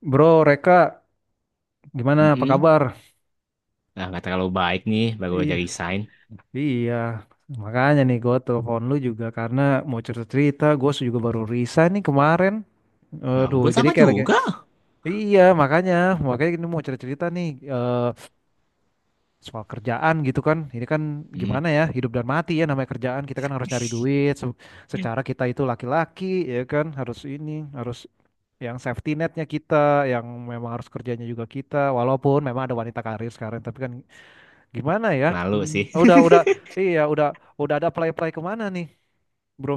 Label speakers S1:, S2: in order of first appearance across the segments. S1: Bro, Reka, gimana? Apa
S2: Mm-mm.
S1: kabar?
S2: Nah, nggak terlalu baik nih, baru aja
S1: Iya,
S2: resign.
S1: iya. Makanya nih gue telepon lu juga karena mau cerita-cerita. Gue juga baru resign nih kemarin.
S2: Ya
S1: Aduh,
S2: ampun,
S1: jadi
S2: sama
S1: kayak lagi.
S2: juga.
S1: Iya, makanya ini mau cerita-cerita nih eh, soal kerjaan gitu kan. Ini kan
S2: Mm,
S1: gimana ya, hidup dan mati ya namanya kerjaan. Kita kan harus nyari duit. Secara kita itu laki-laki, ya kan, harus ini, harus yang safety netnya kita, yang memang harus kerjanya juga kita, walaupun memang ada wanita karir sekarang, tapi kan gimana ya?
S2: malu
S1: Hmm.
S2: sih.
S1: Udah, iya, udah ada play-play kemana nih, bro?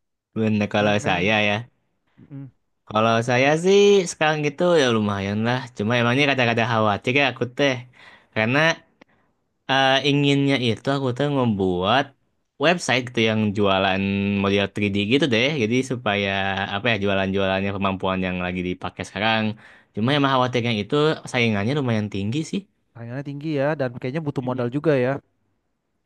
S2: Bener kalau
S1: Kayaknya,
S2: saya ya.
S1: mm,
S2: Kalau saya sih sekarang gitu ya lumayan lah. Cuma emangnya ini kata-kata khawatir ya aku teh. Karena inginnya itu aku tuh membuat website gitu yang jualan model 3D gitu deh. Jadi supaya apa ya
S1: mm,
S2: jualan-jualannya kemampuan yang lagi dipakai sekarang. Cuma emang khawatirnya itu saingannya lumayan tinggi sih.
S1: tayangannya tinggi ya, dan kayaknya butuh modal juga ya.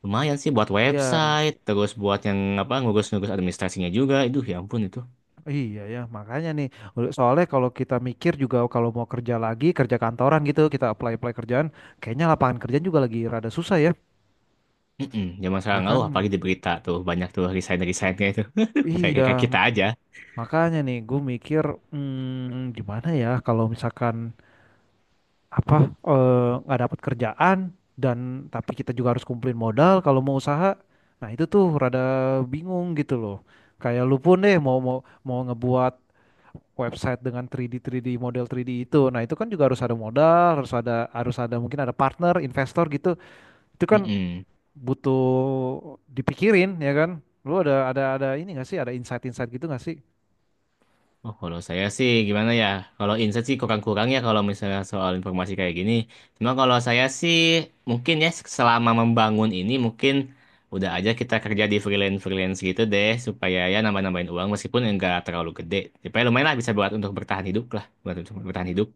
S2: Lumayan sih buat
S1: Iya,
S2: website, terus buat yang apa ngurus-ngurus administrasinya juga. Itu ya ampun itu.
S1: iya ya, makanya nih. Soalnya kalau kita mikir juga kalau mau kerja lagi, kerja kantoran gitu, kita apply-apply kerjaan, kayaknya lapangan kerjaan juga lagi rada susah ya.
S2: Mm-mm, zaman
S1: Ya
S2: sekarang oh,
S1: kan?
S2: apalagi di berita tuh banyak tuh resign-resignnya itu. Aduh, saya
S1: Iya,
S2: kayak kita aja.
S1: makanya nih, gue mikir, gimana ya kalau misalkan apa nggak dapat kerjaan dan tapi kita juga harus kumpulin modal kalau mau usaha. Nah, itu tuh rada bingung gitu loh. Kayak lu pun deh mau mau mau ngebuat website dengan 3D 3D model 3D itu. Nah, itu kan juga harus ada modal, harus ada mungkin ada partner, investor gitu. Itu kan
S2: Mm-mm.
S1: butuh dipikirin ya kan. Lu ada ini nggak sih? Ada insight-insight gitu nggak sih?
S2: Oh, kalau saya sih gimana ya? Kalau insight sih kurang-kurang ya kalau misalnya soal informasi kayak gini. Cuma kalau saya sih mungkin ya selama membangun ini mungkin udah aja kita kerja di freelance-freelance gitu deh supaya ya nambah-nambahin uang meskipun enggak terlalu gede. Supaya lumayan lah bisa buat untuk bertahan hidup lah, buat untuk bertahan hidup.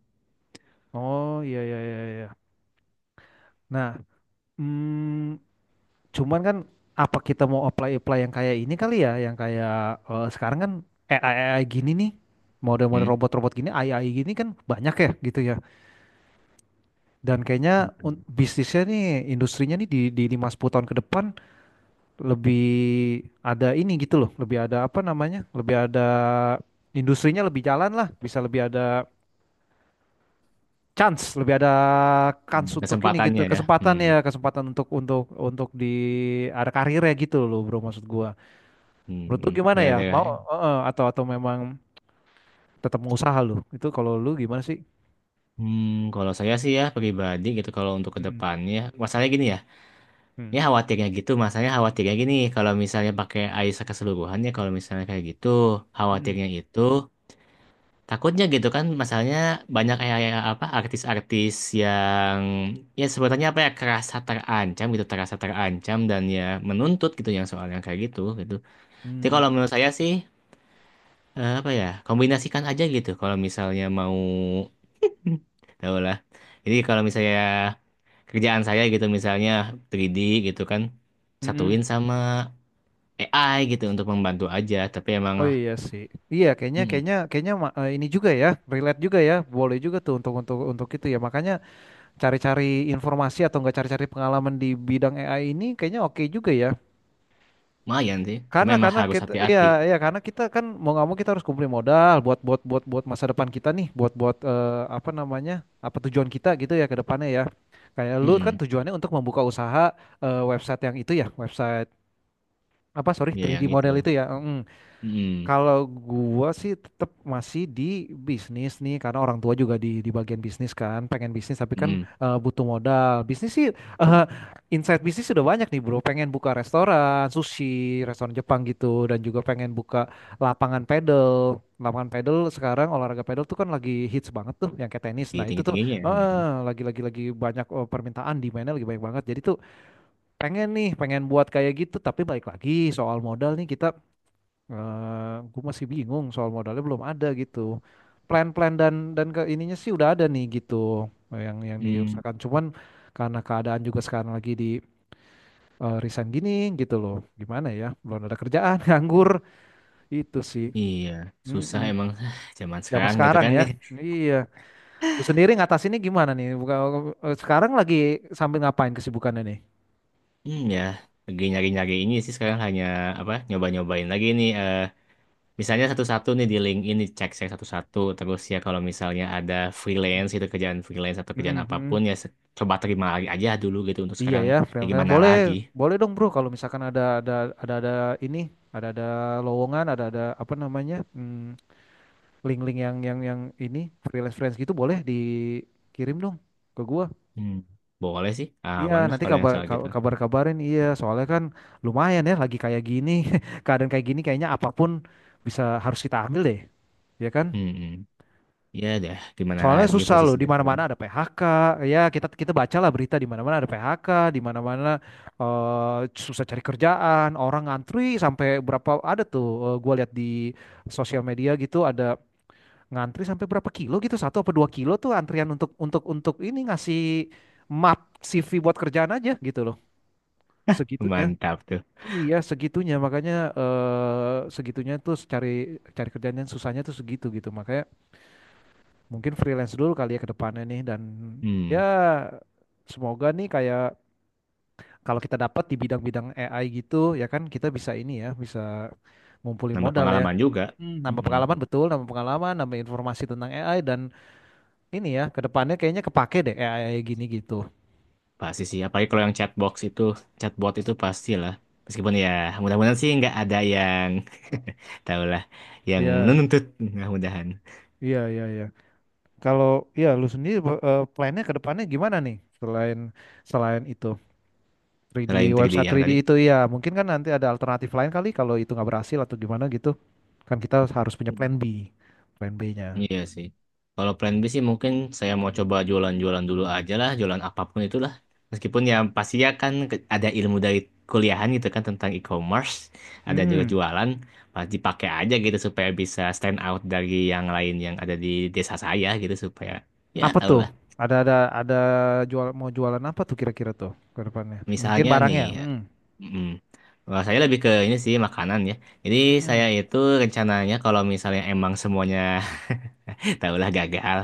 S1: Oh, iya iya iya iya. Nah, mm, cuman kan apa kita mau apply-apply yang kayak ini kali ya, yang kayak sekarang kan AI, AI gini nih, model-model
S2: Hmm.
S1: robot-robot gini, AI gini kan banyak ya gitu ya. Dan kayaknya bisnisnya nih, industrinya nih di 5-10 tahun ke depan lebih ada ini gitu loh, lebih ada apa namanya, lebih ada industrinya lebih jalan lah, bisa lebih ada chance, lebih ada kans
S2: Hmm,
S1: untuk ini gitu,
S2: kesempatannya ya.
S1: kesempatan
S2: Hmm,
S1: ya, kesempatan untuk di ada karirnya gitu loh bro maksud gua.
S2: hmm,
S1: Menurut lu
S2: hmm.
S1: gimana ya? Mau
S2: Daerah-daerah.
S1: atau memang tetap mau usaha lu? Itu kalau lu gimana sih?
S2: Hmm, kalau saya sih ya pribadi gitu kalau untuk
S1: Mm-mm.
S2: kedepannya, masalahnya gini ya, ya
S1: Mm.
S2: khawatirnya gitu, masalahnya khawatirnya gini, kalau misalnya pakai AISA keseluruhan ya, kalau misalnya kayak gitu,
S1: Mm-mm.
S2: khawatirnya itu takutnya gitu kan, masalahnya banyak kayak kayak apa artis-artis yang ya sebenarnya apa ya kerasa terancam gitu, terasa terancam dan ya menuntut gitu yang soalnya kayak gitu gitu. Jadi kalau
S1: Mm.
S2: menurut saya sih apa ya kombinasikan aja gitu kalau misalnya mau tahu lah. Jadi kalau misalnya kerjaan saya gitu misalnya 3D gitu kan
S1: Mm-mm.
S2: satuin sama AI gitu untuk membantu aja. Tapi emang
S1: Oh iya sih. Iya kayaknya
S2: mm
S1: kayaknya kayaknya ini juga ya, relate juga ya. Boleh juga tuh untuk itu ya. Makanya cari-cari informasi atau enggak cari-cari pengalaman di bidang AI ini kayaknya oke juga ya.
S2: lumayan sih. Cuma
S1: Karena
S2: emang
S1: karena
S2: harus
S1: kita iya
S2: hati-hati.
S1: iya karena kita kan mau nggak mau kita harus kumpulin modal buat buat buat buat masa depan kita nih, buat buat apa namanya? Apa tujuan kita gitu ya ke depannya ya. Kayak lu kan
S2: Mm-mm.
S1: tujuannya untuk membuka usaha website yang itu ya, website apa sorry
S2: Iya
S1: 3D
S2: yang itu.
S1: model itu ya. Mm.
S2: Mm-mm.
S1: Kalau gua sih tetap masih di bisnis nih karena orang tua juga di bagian bisnis kan, pengen bisnis tapi kan
S2: Mm-mm.
S1: butuh modal. Bisnis sih insight bisnis sudah banyak nih, Bro. Pengen buka restoran sushi, restoran Jepang gitu dan juga pengen buka lapangan pedal. Lapangan pedal sekarang olahraga pedal tuh kan lagi hits banget tuh yang kayak tenis.
S2: Tinggi-
S1: Nah, itu tuh
S2: Tinggi-tingginya ya. Mm-mm.
S1: lagi banyak permintaan di mana lagi banyak banget. Jadi tuh pengen nih, pengen buat kayak gitu tapi balik lagi soal modal nih kita gue masih bingung soal modalnya belum ada gitu. Plan-plan dan ke ininya sih udah ada nih gitu yang
S2: Mm.
S1: diusahakan. Cuman karena keadaan juga sekarang lagi di resign gini gitu loh. Gimana ya? Belum ada kerjaan, nganggur itu sih.
S2: Iya, susah emang
S1: Mm-mm.
S2: zaman
S1: Zaman
S2: sekarang gitu
S1: sekarang
S2: kan.
S1: ya. Iya. Lu sendiri ngatasinnya gimana nih? Bukan, sekarang lagi sambil ngapain kesibukannya nih?
S2: Hmm, ya lagi nyari-nyari ini sih sekarang hanya apa nyoba-nyobain lagi nih misalnya satu-satu nih di LinkedIn dicek-cek satu-satu terus ya kalau misalnya ada freelance itu kerjaan freelance atau kerjaan apapun
S1: Mm-mm.
S2: ya se- coba terima lagi aja dulu gitu untuk
S1: Iya
S2: sekarang
S1: ya,
S2: ya
S1: friend-friend
S2: gimana
S1: boleh
S2: lagi.
S1: boleh dong bro kalau misalkan ada ini ada lowongan ada apa namanya link-link yang ini freelance freelance gitu boleh dikirim dong ke gua.
S2: Hmm. Boleh sih
S1: Iya
S2: aman lah
S1: nanti
S2: kalau yang
S1: kabar
S2: soal gitu.
S1: kabar kabarin iya soalnya kan lumayan ya lagi kayak gini keadaan kayak gini kayaknya apapun bisa harus kita ambil deh ya kan?
S2: Hmm. Hmm. Ya dah gimana
S1: Soalnya
S2: lagi
S1: susah loh, di
S2: posisinya sekarang.
S1: mana-mana ada PHK. Ya, kita kita bacalah berita di mana-mana ada PHK, di mana-mana susah cari kerjaan, orang ngantri sampai berapa ada tuh gua lihat di sosial media gitu ada ngantri sampai berapa kilo gitu, satu apa dua kilo tuh antrian untuk ini ngasih map CV buat kerjaan aja gitu loh. Segitunya.
S2: Mantap tuh.
S1: Iya, segitunya makanya segitunya tuh cari cari kerjaan yang susahnya tuh segitu gitu. Makanya mungkin freelance dulu kali ya ke depannya nih dan ya
S2: Hmm.
S1: semoga nih kayak kalau kita dapat di bidang-bidang AI gitu ya kan kita bisa ini ya bisa ngumpulin
S2: Nambah
S1: modal ya.
S2: pengalaman juga.
S1: Hmm. Nambah
S2: Hmm.
S1: pengalaman betul nambah pengalaman nambah informasi tentang AI dan ini ya ke depannya kayaknya kepake deh AI gini gitu.
S2: Pasti sih apalagi kalau yang chatbox itu, chatbot itu pastilah, meskipun ya mudah-mudahan sih nggak ada yang tahulah yang
S1: Iya,
S2: menuntut. Mudah-mudahan.
S1: iya, iya, iya. Kalau ya lu sendiri plannya ke depannya gimana nih selain selain itu? 3D
S2: Selain 3D
S1: website
S2: yang
S1: 3D
S2: tadi.
S1: itu ya mungkin kan nanti ada alternatif lain kali kalau itu nggak berhasil atau gimana gitu kan kita harus punya
S2: Hmm.
S1: plan B plan B-nya
S2: Iya sih. Kalau plan B sih mungkin saya mau coba jualan-jualan dulu aja lah, jualan apapun itulah. Meskipun ya pasti ya kan ke- ada ilmu dari kuliahan gitu kan tentang e-commerce, ada juga
S1: hmm
S2: jualan, pasti pakai aja gitu supaya bisa stand out dari yang lain yang ada di desa saya gitu supaya ya
S1: apa
S2: tau
S1: tuh
S2: lah.
S1: ada ada ada jual mau jualan apa tuh kira-kira tuh ke depannya mungkin
S2: Misalnya nih,
S1: barangnya hmm.
S2: mm, wah, saya lebih ke ini sih makanan ya. Jadi saya
S1: Mm-mm.
S2: itu rencananya kalau misalnya emang semuanya taulah gagal.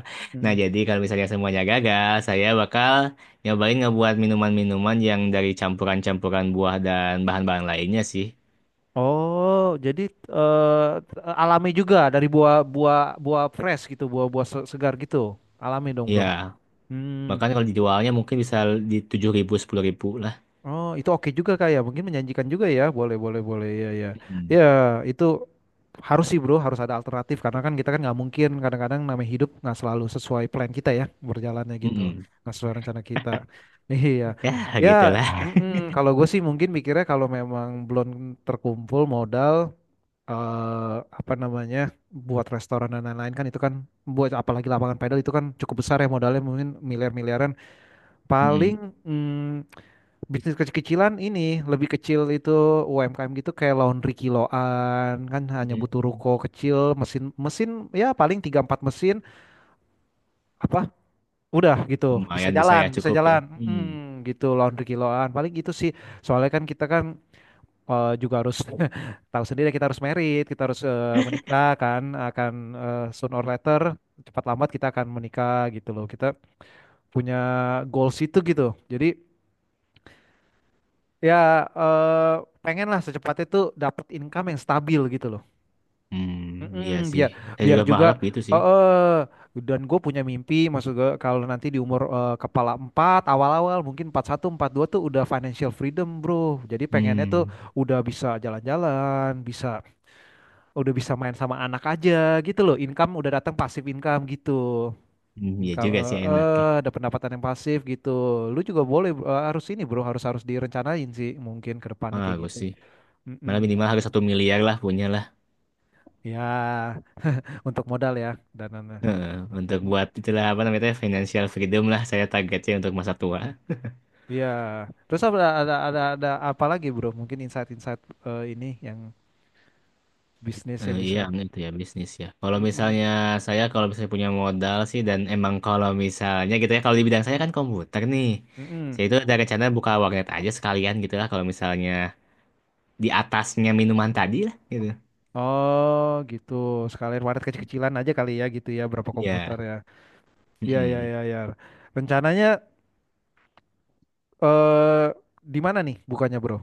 S2: Nah,
S1: Mm-mm.
S2: jadi kalau misalnya semuanya gagal, saya bakal nyobain ngebuat minuman-minuman yang dari campuran-campuran buah dan bahan-bahan lainnya sih.
S1: Oh jadi eh, alami juga dari buah buah buah fresh gitu buah-buah segar gitu alami dong bro
S2: Iya,
S1: hmm.
S2: bahkan kalau dijualnya mungkin bisa di 7.000, ribu, sepuluh ribu lah.
S1: Oh, itu oke juga kak ya. Mungkin menjanjikan juga ya. Boleh, boleh, boleh. Ya, ya.
S2: Mm-mm.
S1: Ya, itu harus sih bro, harus ada alternatif. Karena kan kita kan nggak mungkin kadang-kadang namanya hidup nggak selalu sesuai plan kita ya. Berjalannya gitu.
S2: Mm-mm.
S1: Nggak sesuai rencana kita. Iya.
S2: Ya,
S1: Ya,
S2: gitulah.
S1: mm-mm. Kalau gue sih mungkin mikirnya kalau memang belum terkumpul modal, eh apa namanya, buat restoran dan lain-lain kan itu kan, buat apalagi lapangan pedal itu kan cukup besar ya modalnya mungkin miliar-miliaran.
S2: Mm-mm.
S1: Paling... mm, bisnis kecil-kecilan ini lebih kecil itu UMKM gitu kayak laundry kiloan kan hanya butuh
S2: Mm.
S1: ruko kecil mesin mesin ya paling tiga empat mesin apa udah gitu bisa
S2: Lumayan bisa ya,
S1: jalan bisa
S2: cukup ya.
S1: jalan.
S2: Mm.
S1: Gitu laundry kiloan paling gitu sih soalnya kan kita kan juga harus tahu sendiri kita harus merit kita harus menikah kan akan soon or later cepat lambat kita akan menikah gitu loh kita punya goals itu gitu jadi. Ya, pengen lah secepatnya tuh dapat income yang stabil gitu loh.
S2: Mm, iya
S1: Mm-mm,
S2: sih.
S1: biar
S2: Saya
S1: biar
S2: juga berharap
S1: juga
S2: gitu sih.
S1: eh eh, dan gue punya mimpi maksud gue kalau nanti di umur kepala 4 awal-awal mungkin empat satu empat dua tuh udah financial freedom, bro. Jadi pengennya tuh
S2: Hmm.
S1: udah bisa jalan-jalan, bisa udah bisa main sama anak aja gitu loh. Income udah datang pasif income gitu.
S2: Hmm, iya
S1: Income
S2: juga sih enaknya.
S1: ada pendapatan yang pasif gitu. Lu juga boleh harus ini, bro, harus harus direncanain sih mungkin ke depannya kayak
S2: Bagus
S1: gitu.
S2: sih. Malah
S1: Mm-mm.
S2: minimal harus 1 miliar lah punya.
S1: Ya, untuk modal ya dan ya.
S2: Heeh, untuk buat itulah apa namanya financial freedom lah saya targetnya untuk masa tua.
S1: Terus apa lagi, Bro? Mungkin insight-insight ini yang bisnis
S2: Eh,
S1: yang bisa.
S2: iya, itu ya bisnis ya. Kalau
S1: Mm-mm.
S2: misalnya saya kalau misalnya punya modal sih dan emang kalau misalnya gitu ya kalau di bidang saya kan komputer nih.
S1: Mm-mm.
S2: Saya itu ada rencana buka warnet aja sekalian gitu lah kalau misalnya di atasnya minuman tadi lah gitu.
S1: Oh, gitu. Sekalian waret kecil-kecilan aja kali ya gitu ya, berapa komputer
S2: Ya.
S1: ya. Iya, iya,
S2: Mm-mm.
S1: iya, ya. Rencananya eh di mana nih bukannya, Bro?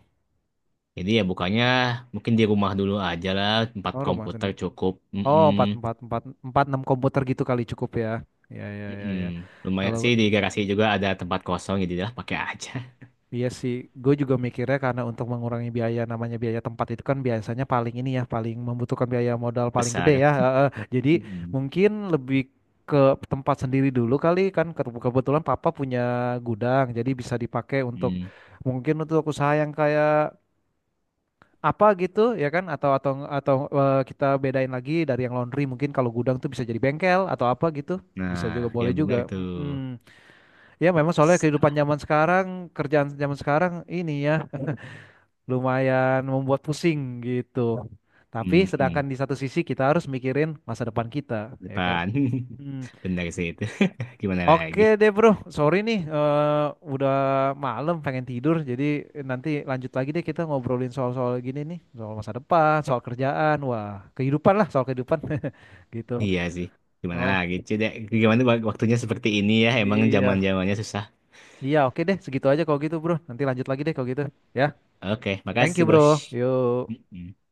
S2: Jadi ya bukannya mungkin di rumah dulu aja lah tempat
S1: Oh, rumah
S2: komputer
S1: sendiri.
S2: cukup.
S1: Oh,
S2: Mm-mm.
S1: empat empat empat empat enam komputer gitu kali cukup ya. Ya, ya, ya, ya.
S2: Mm-mm. Lumayan
S1: Kalau
S2: sih di garasi juga ada tempat kosong jadi lah pakai aja.
S1: Iya sih, gue juga mikirnya karena untuk mengurangi biaya namanya biaya tempat itu kan biasanya paling ini ya, paling membutuhkan biaya modal paling gede
S2: Besar.
S1: ya. Heeh. Jadi
S2: Mm-mm.
S1: mungkin lebih ke tempat sendiri dulu kali kan Kebetulan papa punya gudang, jadi bisa dipakai untuk
S2: Mm.
S1: mungkin untuk usaha yang kayak apa gitu ya kan atau kita bedain lagi dari yang laundry mungkin kalau gudang tuh bisa jadi bengkel atau apa gitu.
S2: Nah,
S1: Bisa juga
S2: ya
S1: boleh
S2: benar
S1: juga.
S2: tuh.
S1: Mm, Ya memang soalnya kehidupan zaman sekarang, kerjaan zaman sekarang ini ya lumayan membuat pusing gitu. Tapi sedangkan
S2: Mm-mm.
S1: di satu sisi kita harus mikirin masa depan kita, ya kan?
S2: Depan.
S1: Hmm.
S2: Benar sih itu. Gimana
S1: Oke
S2: lagi?
S1: deh bro, sorry nih udah malam pengen tidur. Jadi nanti lanjut lagi deh kita ngobrolin soal-soal gini nih, soal masa depan, soal kerjaan, wah kehidupan lah soal kehidupan gitu.
S2: Iya sih. Gimana
S1: Oh
S2: lagi? Coba gimana wak- waktunya seperti ini ya. Emang
S1: iya,
S2: zaman-zamannya susah.
S1: iya oke deh segitu aja kalau gitu bro. Nanti lanjut lagi deh kalau gitu. Ya,
S2: Oke,
S1: thank you
S2: makasih,
S1: bro.
S2: Bos.
S1: Yuk.
S2: Mm-mm.